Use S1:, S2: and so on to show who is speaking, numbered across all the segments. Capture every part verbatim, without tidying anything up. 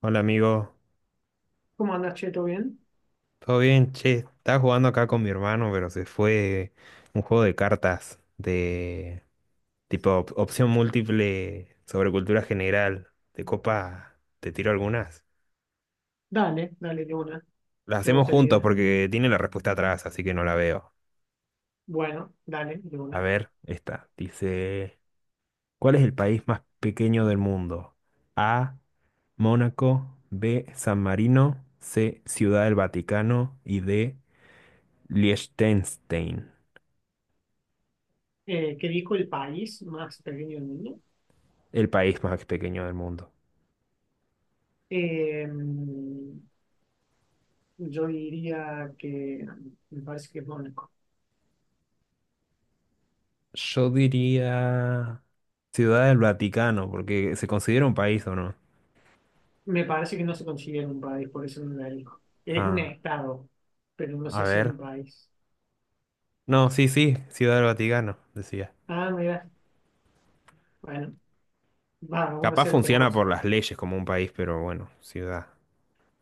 S1: Hola amigo,
S2: ¿Cómo andas, che? ¿Todo bien?
S1: ¿todo bien? Che, estaba jugando acá con mi hermano, pero se fue un juego de cartas de tipo op- opción múltiple sobre cultura general. De copa, te tiro algunas.
S2: Dale, dale, de una.
S1: Las
S2: Me
S1: hacemos
S2: gusta la
S1: juntos
S2: idea.
S1: porque tiene la respuesta atrás, así que no la veo.
S2: Bueno, dale, de
S1: A
S2: una.
S1: ver, esta. Dice, ¿cuál es el país más pequeño del mundo? A, Mónaco, B, San Marino, C, Ciudad del Vaticano y D, Liechtenstein.
S2: Eh, ¿qué dijo el país más pequeño del mundo?
S1: El país más pequeño del mundo.
S2: Eh, yo diría que me parece que es Mónaco.
S1: Yo diría Ciudad del Vaticano, porque se considera un país o no.
S2: Me parece que no se considera un país, por eso no la dijo. Es un
S1: Ah,
S2: estado, pero no
S1: a
S2: sé si es
S1: ver.
S2: un país.
S1: No, sí, sí, Ciudad del Vaticano, decía.
S2: Ah, mira, bueno, vamos,
S1: Capaz
S2: uno a cero para
S1: funciona
S2: vos.
S1: por las leyes como un país, pero bueno, ciudad.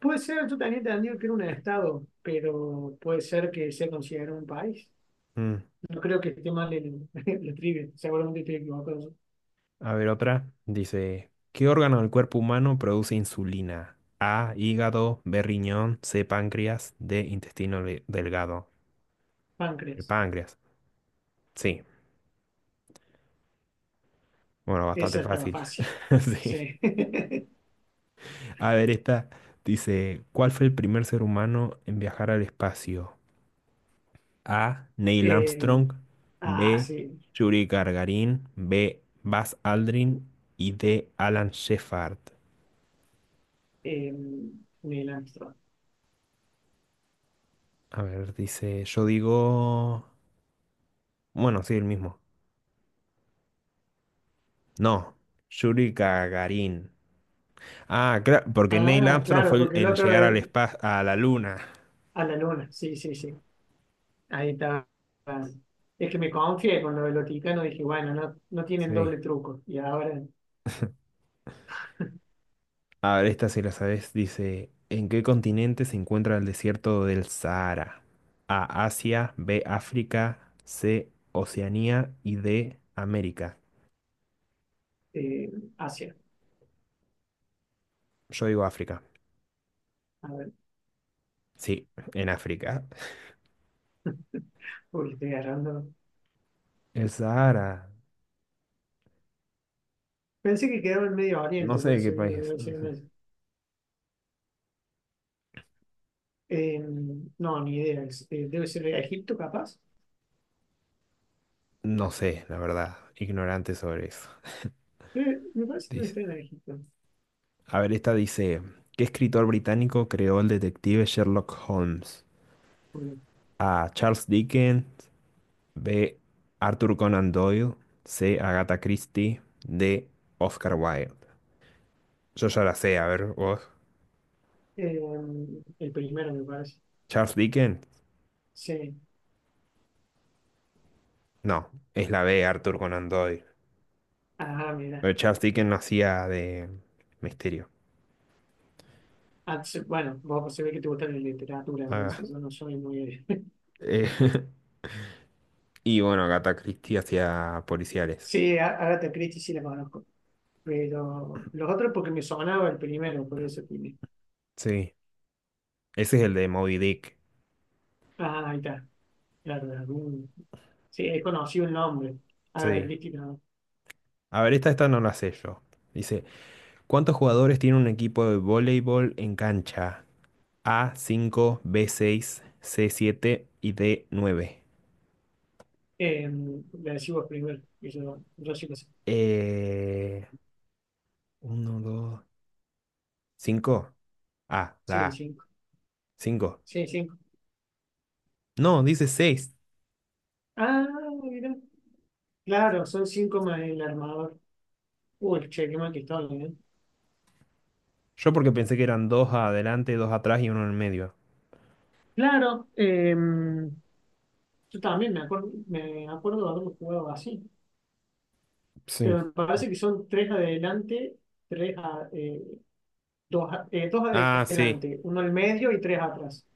S2: Puede ser, yo también te entendido que era un estado, pero puede ser que sea considerado un país.
S1: Mm,
S2: No creo que esté mal el, la trivia. Seguramente estoy equivocado.
S1: a ver, otra. Dice, ¿qué órgano del cuerpo humano produce insulina? A, hígado, B, riñón, C, páncreas, D, intestino le- delgado. El
S2: Páncreas.
S1: páncreas. Sí. Bueno, bastante
S2: Esa estaba
S1: fácil.
S2: fácil.
S1: Sí.
S2: Sí.
S1: A ver, esta dice, ¿cuál fue el primer ser humano en viajar al espacio? A, Neil
S2: Eh,
S1: Armstrong.
S2: ah,
S1: B,
S2: sí.
S1: Yuri Gagarin. B, Buzz Aldrin. Y D, Alan Shepard.
S2: Eh, Neil Armstrong.
S1: A ver, dice, yo digo... Bueno, sí, el mismo. No, Yuri Gagarin. Ah, claro, porque Neil
S2: Ah,
S1: Armstrong
S2: claro,
S1: fue el,
S2: porque el
S1: el
S2: otro
S1: llegar al
S2: es
S1: espacio, a la luna.
S2: a la luna. Sí, sí, sí. Ahí estaba. Es que me confié con lo del Vaticano. Dije, bueno, no, no tienen
S1: Sí.
S2: doble truco. Y ahora
S1: A ver, esta si la sabes, dice, ¿en qué continente se encuentra el desierto del Sahara? A, Asia, B, África, C, Oceanía y D, América.
S2: eh, Asia.
S1: Yo digo África.
S2: A ver,
S1: Sí, en África.
S2: porque estoy agarrando.
S1: El Sahara.
S2: Pensé que quedaba en Medio
S1: No
S2: Oriente,
S1: sé
S2: por
S1: de
S2: eso
S1: qué
S2: digo,
S1: país es.
S2: debe ser en ese. Eh, no, ni idea. Es- eh, debe ser Egipto, capaz.
S1: No sé, la verdad. Ignorante sobre eso.
S2: Eh, me parece que me
S1: Dice-
S2: estoy en naranjito.
S1: A ver, esta dice, ¿qué escritor británico creó el detective Sherlock Holmes? A, Charles Dickens, B, Arthur Conan Doyle. C, Agatha Christie. D, Oscar Wilde. Yo ya la sé, a ver, vos.
S2: Eh, el primero, me parece.
S1: ¿Charles Dickens?
S2: Sí.
S1: No, es la B, Arthur Conan Doyle.
S2: Ah, mira.
S1: Pero Charles Dickens no hacía de misterio.
S2: Ah, se- Bueno, vos pues, se ve que te gusta la literatura,
S1: Ah,
S2: entonces yo no soy muy.
S1: eh, y bueno, Agatha Christie hacía policiales.
S2: Sí, a- Agatha Christie sí la conozco. Pero los otros porque me sonaba el primero, por eso tiene.
S1: Sí, ese es el de Moby Dick.
S2: Ah, ahí está. Claro, de algún- Sí, he conocido el nombre. Agatha
S1: Sí.
S2: Christie, no.
S1: A ver, esta, esta no la sé yo. Dice, ¿cuántos jugadores tiene un equipo de voleibol en cancha? A, cinco, B, seis, C, siete y D, nueve.
S2: Eh, la decís vos primero. y Yo, yo sí lo sé.
S1: Eh, uno, dos, cinco. A,
S2: Sí,
S1: la A.
S2: cinco.
S1: cinco.
S2: Sí, cinco.
S1: No, dice seis.
S2: Ah, mira. Claro, son cinco más el armador. Uy, che, qué mal que estoy, ¿eh?
S1: Yo porque pensé que eran dos adelante, dos atrás y uno en el medio.
S2: Claro, em, yo también me acuerdo, me acuerdo de haberlo jugado así,
S1: Sí.
S2: pero me parece que son tres adelante, tres a- eh, dos, a- eh, dos
S1: Ah, sí.
S2: adelante, uno al medio y tres atrás.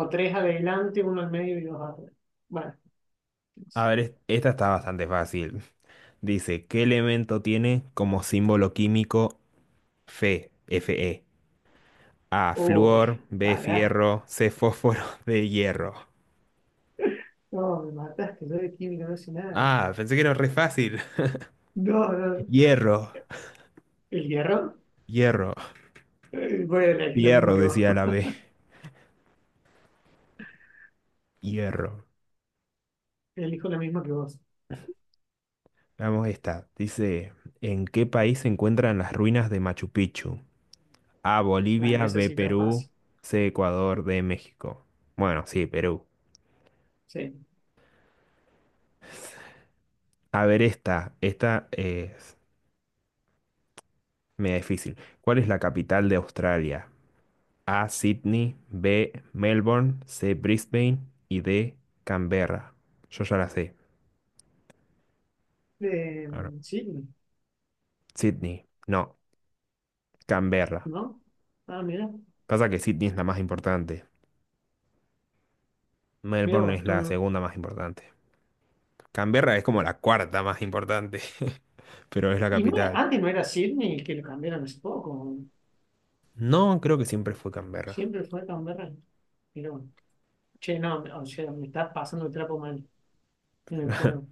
S2: O tres adelante, uno al medio y dos atrás. Bueno,
S1: A ver, es- esta está bastante fácil. Dice, ¿qué elemento tiene como símbolo químico Fe, Fe? A,
S2: uy,
S1: flúor, B,
S2: pará,
S1: fierro, C, fósforo, D, hierro.
S2: no, me mataste, yo de química no sé nada.
S1: Ah, pensé que era re fácil.
S2: No, no,
S1: Hierro.
S2: ¿el hierro?
S1: Hierro,
S2: Eh, Voy a elegir la misma
S1: hierro,
S2: que vos.
S1: decía la B. Hierro.
S2: Elijo la misma que vos.
S1: Vamos esta. Dice, ¿en qué país se encuentran las ruinas de Machu Picchu? A,
S2: Bueno,
S1: Bolivia, B,
S2: necesita
S1: Perú,
S2: fácil,
S1: C, Ecuador, D, México. Bueno, sí, Perú.
S2: sí.
S1: A ver esta. Esta es media difícil. ¿Cuál es la capital de Australia? A, Sydney, B, Melbourne, C, Brisbane y D, Canberra. Yo ya la sé. Ahora,
S2: De Sydney,
S1: Sydney. No, Canberra.
S2: ¿no? Ah, mira,
S1: Pasa que Sydney es la más importante.
S2: mira
S1: Melbourne
S2: vos,
S1: es la
S2: tú-
S1: segunda más importante. Canberra es como la cuarta más importante, pero es la
S2: y no era-
S1: capital.
S2: antes no era Sydney que lo cambiaron hace poco,
S1: No, creo que siempre fue Canberra.
S2: siempre fue Canberra. Pero, bueno, che, no, o sea, me estás pasando el trapo mal en el juego.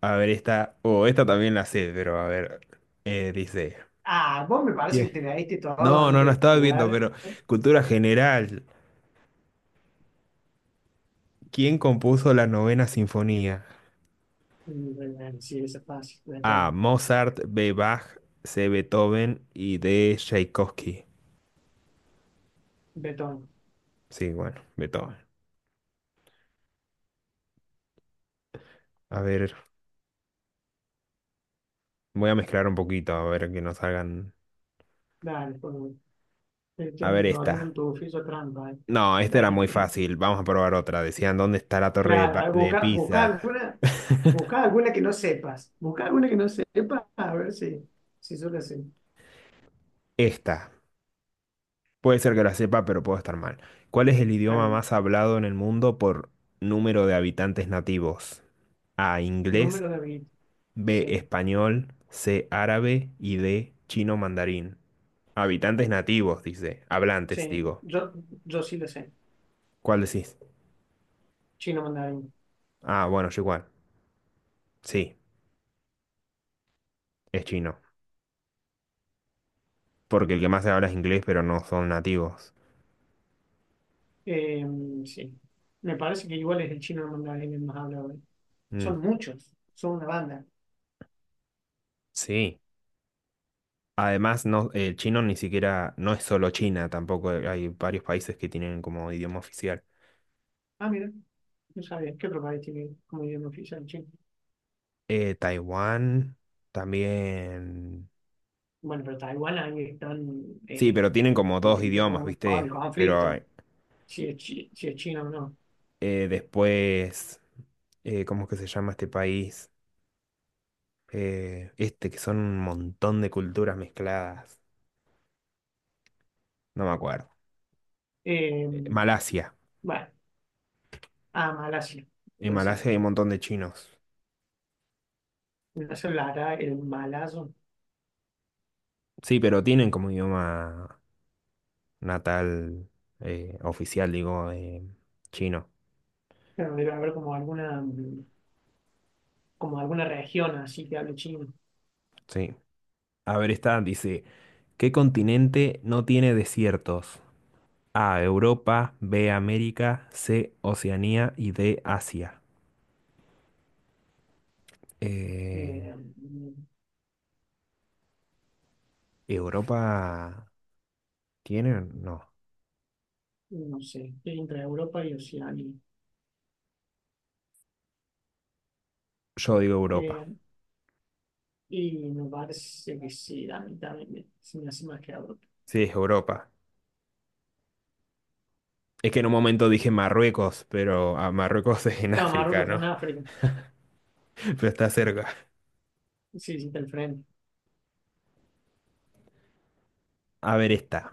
S1: A ver, esta, o esta también la sé, pero a ver, eh, dice...
S2: Ah, vos me parece
S1: ¿Quién?
S2: que te leíste todo
S1: No, no, no
S2: antes de
S1: estaba viendo,
S2: jugar.
S1: pero cultura general. ¿Quién compuso la novena sinfonía?
S2: Mm, bueno, sí, eso es fácil,
S1: A,
S2: betón,
S1: Mozart, B, Bach, C, Beethoven y D, Tchaikovsky.
S2: betón.
S1: Sí, bueno, Beethoven. A ver, voy a mezclar un poquito, a ver que nos hagan...
S2: Dale, por favor.
S1: A ver
S2: Estoy abriendo un
S1: esta.
S2: tubo, trampa, eh.
S1: No, esta era muy
S2: Dale.
S1: fácil. Vamos a probar otra. Decían, ¿dónde está la torre de,
S2: Claro, a
S1: pa-
S2: ver,
S1: de
S2: busca, busca
S1: Pisa?
S2: alguna, busca alguna que no sepas. Busca alguna que no sepas, a ver si, si yo la sé.
S1: Esta. Puede ser que la sepa, pero puedo estar mal. ¿Cuál es el
S2: Está
S1: idioma
S2: bien.
S1: más hablado en el mundo por número de habitantes nativos? A, inglés,
S2: Número de bit.
S1: B,
S2: Sí.
S1: español, C, árabe y D, chino mandarín. Habitantes nativos, dice. Hablantes,
S2: Sí.
S1: digo.
S2: Yo, yo sí la sé.
S1: ¿Cuál decís?
S2: Chino mandarín.
S1: Ah, bueno, yo igual. Sí, es chino. Porque el que más se habla es inglés, pero no son nativos.
S2: Eh, sí. Me parece que igual es el chino mandarín el más hablado, ¿eh?
S1: Mm,
S2: Son muchos. Son una banda.
S1: sí. Además, no, el chino ni siquiera, no es solo China, tampoco hay varios países que tienen como idioma oficial.
S2: Ah, mira. No sabía. ¿Qué otro país tiene como idioma oficial chino?
S1: Eh, Taiwán también.
S2: Bueno, pero Taiwán ahí están.
S1: Sí,
S2: Eh,
S1: pero tienen como dos
S2: viste que está
S1: idiomas,
S2: con, con el
S1: ¿viste? Pero eh,
S2: conflicto. Si es, chi- si es chino o no.
S1: eh, después, eh, ¿cómo es que se llama este país? Eh, este, que son un montón de culturas mezcladas. No me acuerdo.
S2: Eh,
S1: Eh, Malasia.
S2: bueno, a Malasia
S1: En
S2: puede ser.
S1: Malasia hay un montón de chinos.
S2: Ignacio Lara, el malazo,
S1: Sí, pero tienen como idioma natal, eh, oficial, digo, eh, chino.
S2: pero debe haber como alguna, mm, como alguna región así que hable chino.
S1: Sí. A ver, esta dice, ¿qué continente no tiene desiertos? A, Europa, B, América, C, Oceanía y D, Asia.
S2: Eh,
S1: Eh,
S2: mm,
S1: ¿Europa tiene? No.
S2: no sé, entre Europa y Oceanía.
S1: Yo digo Europa.
S2: Eh, y me parece que sí, a mí también me- se me hace más que Europa.
S1: Sí, es Europa. Es que en un momento dije Marruecos, pero ah, Marruecos es en
S2: No,
S1: África,
S2: Marruecos está
S1: ¿no?
S2: en África.
S1: Pero está cerca.
S2: Sí, sí, está al frente.
S1: A ver, esta.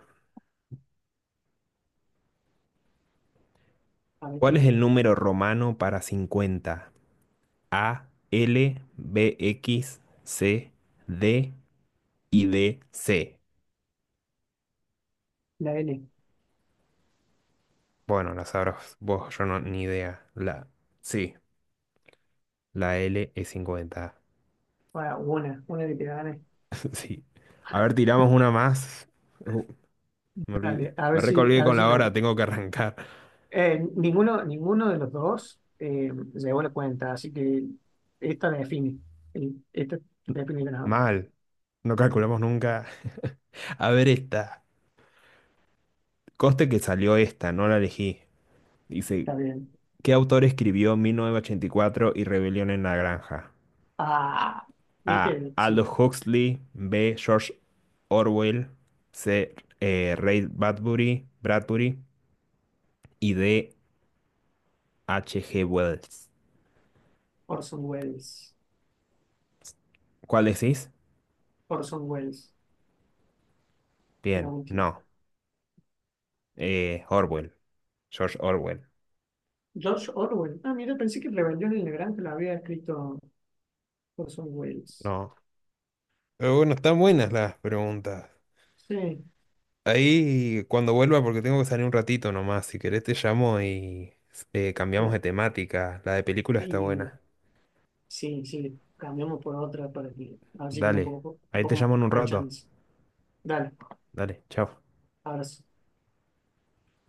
S2: A ver,
S1: ¿Cuál es
S2: tírame.
S1: el número romano para cincuenta? A, L, B, X, C, D y D, C.
S2: La L.
S1: Bueno, la sabrás vos, yo no, ni idea. La, sí, la L es cincuenta.
S2: Bueno, una, una que te gane.
S1: Sí. A ver, tiramos una más. Uh, me olvidé.
S2: Dale, a
S1: Me
S2: ver si,
S1: recolgué
S2: a ver
S1: con
S2: si
S1: la hora,
S2: recuerdo.
S1: tengo que arrancar.
S2: Eh, ninguno, ninguno de los dos eh, llegó la cuenta, así que esta la define. El- Esta la define el ganador.
S1: Mal. No calculamos nunca. A ver esta. Coste que salió esta, no la elegí. Dice,
S2: Está bien.
S1: ¿qué autor escribió mil novecientos ochenta y cuatro y cuatro y Rebelión en la Granja?
S2: Ah,
S1: A,
S2: viste, sí,
S1: Aldous Huxley. B, George Orwell. C, eh, Ray Bradbury. Bradbury. Y D, H G. Wells.
S2: Orson Welles.
S1: ¿Cuál decís?
S2: Orson Welles, la
S1: Bien,
S2: última.
S1: no. Eh, Orwell. George Orwell.
S2: George Orwell. Ah, mira, pensé que Rebelión en la Granja lo había escrito Orson Welles.
S1: No. Pero bueno, están buenas las preguntas.
S2: Sí,
S1: Ahí cuando vuelva, porque tengo que salir un ratito nomás, si querés te llamo y eh, cambiamos
S2: ya.
S1: de temática. La de películas está
S2: Y
S1: buena.
S2: sí, sí, cambiamos por otra para que, a ver si tengo un
S1: Dale.
S2: poco, un
S1: Ahí te
S2: poco
S1: llamo en un
S2: más de
S1: rato.
S2: chance. Dale,
S1: Dale, chao.
S2: abrazo.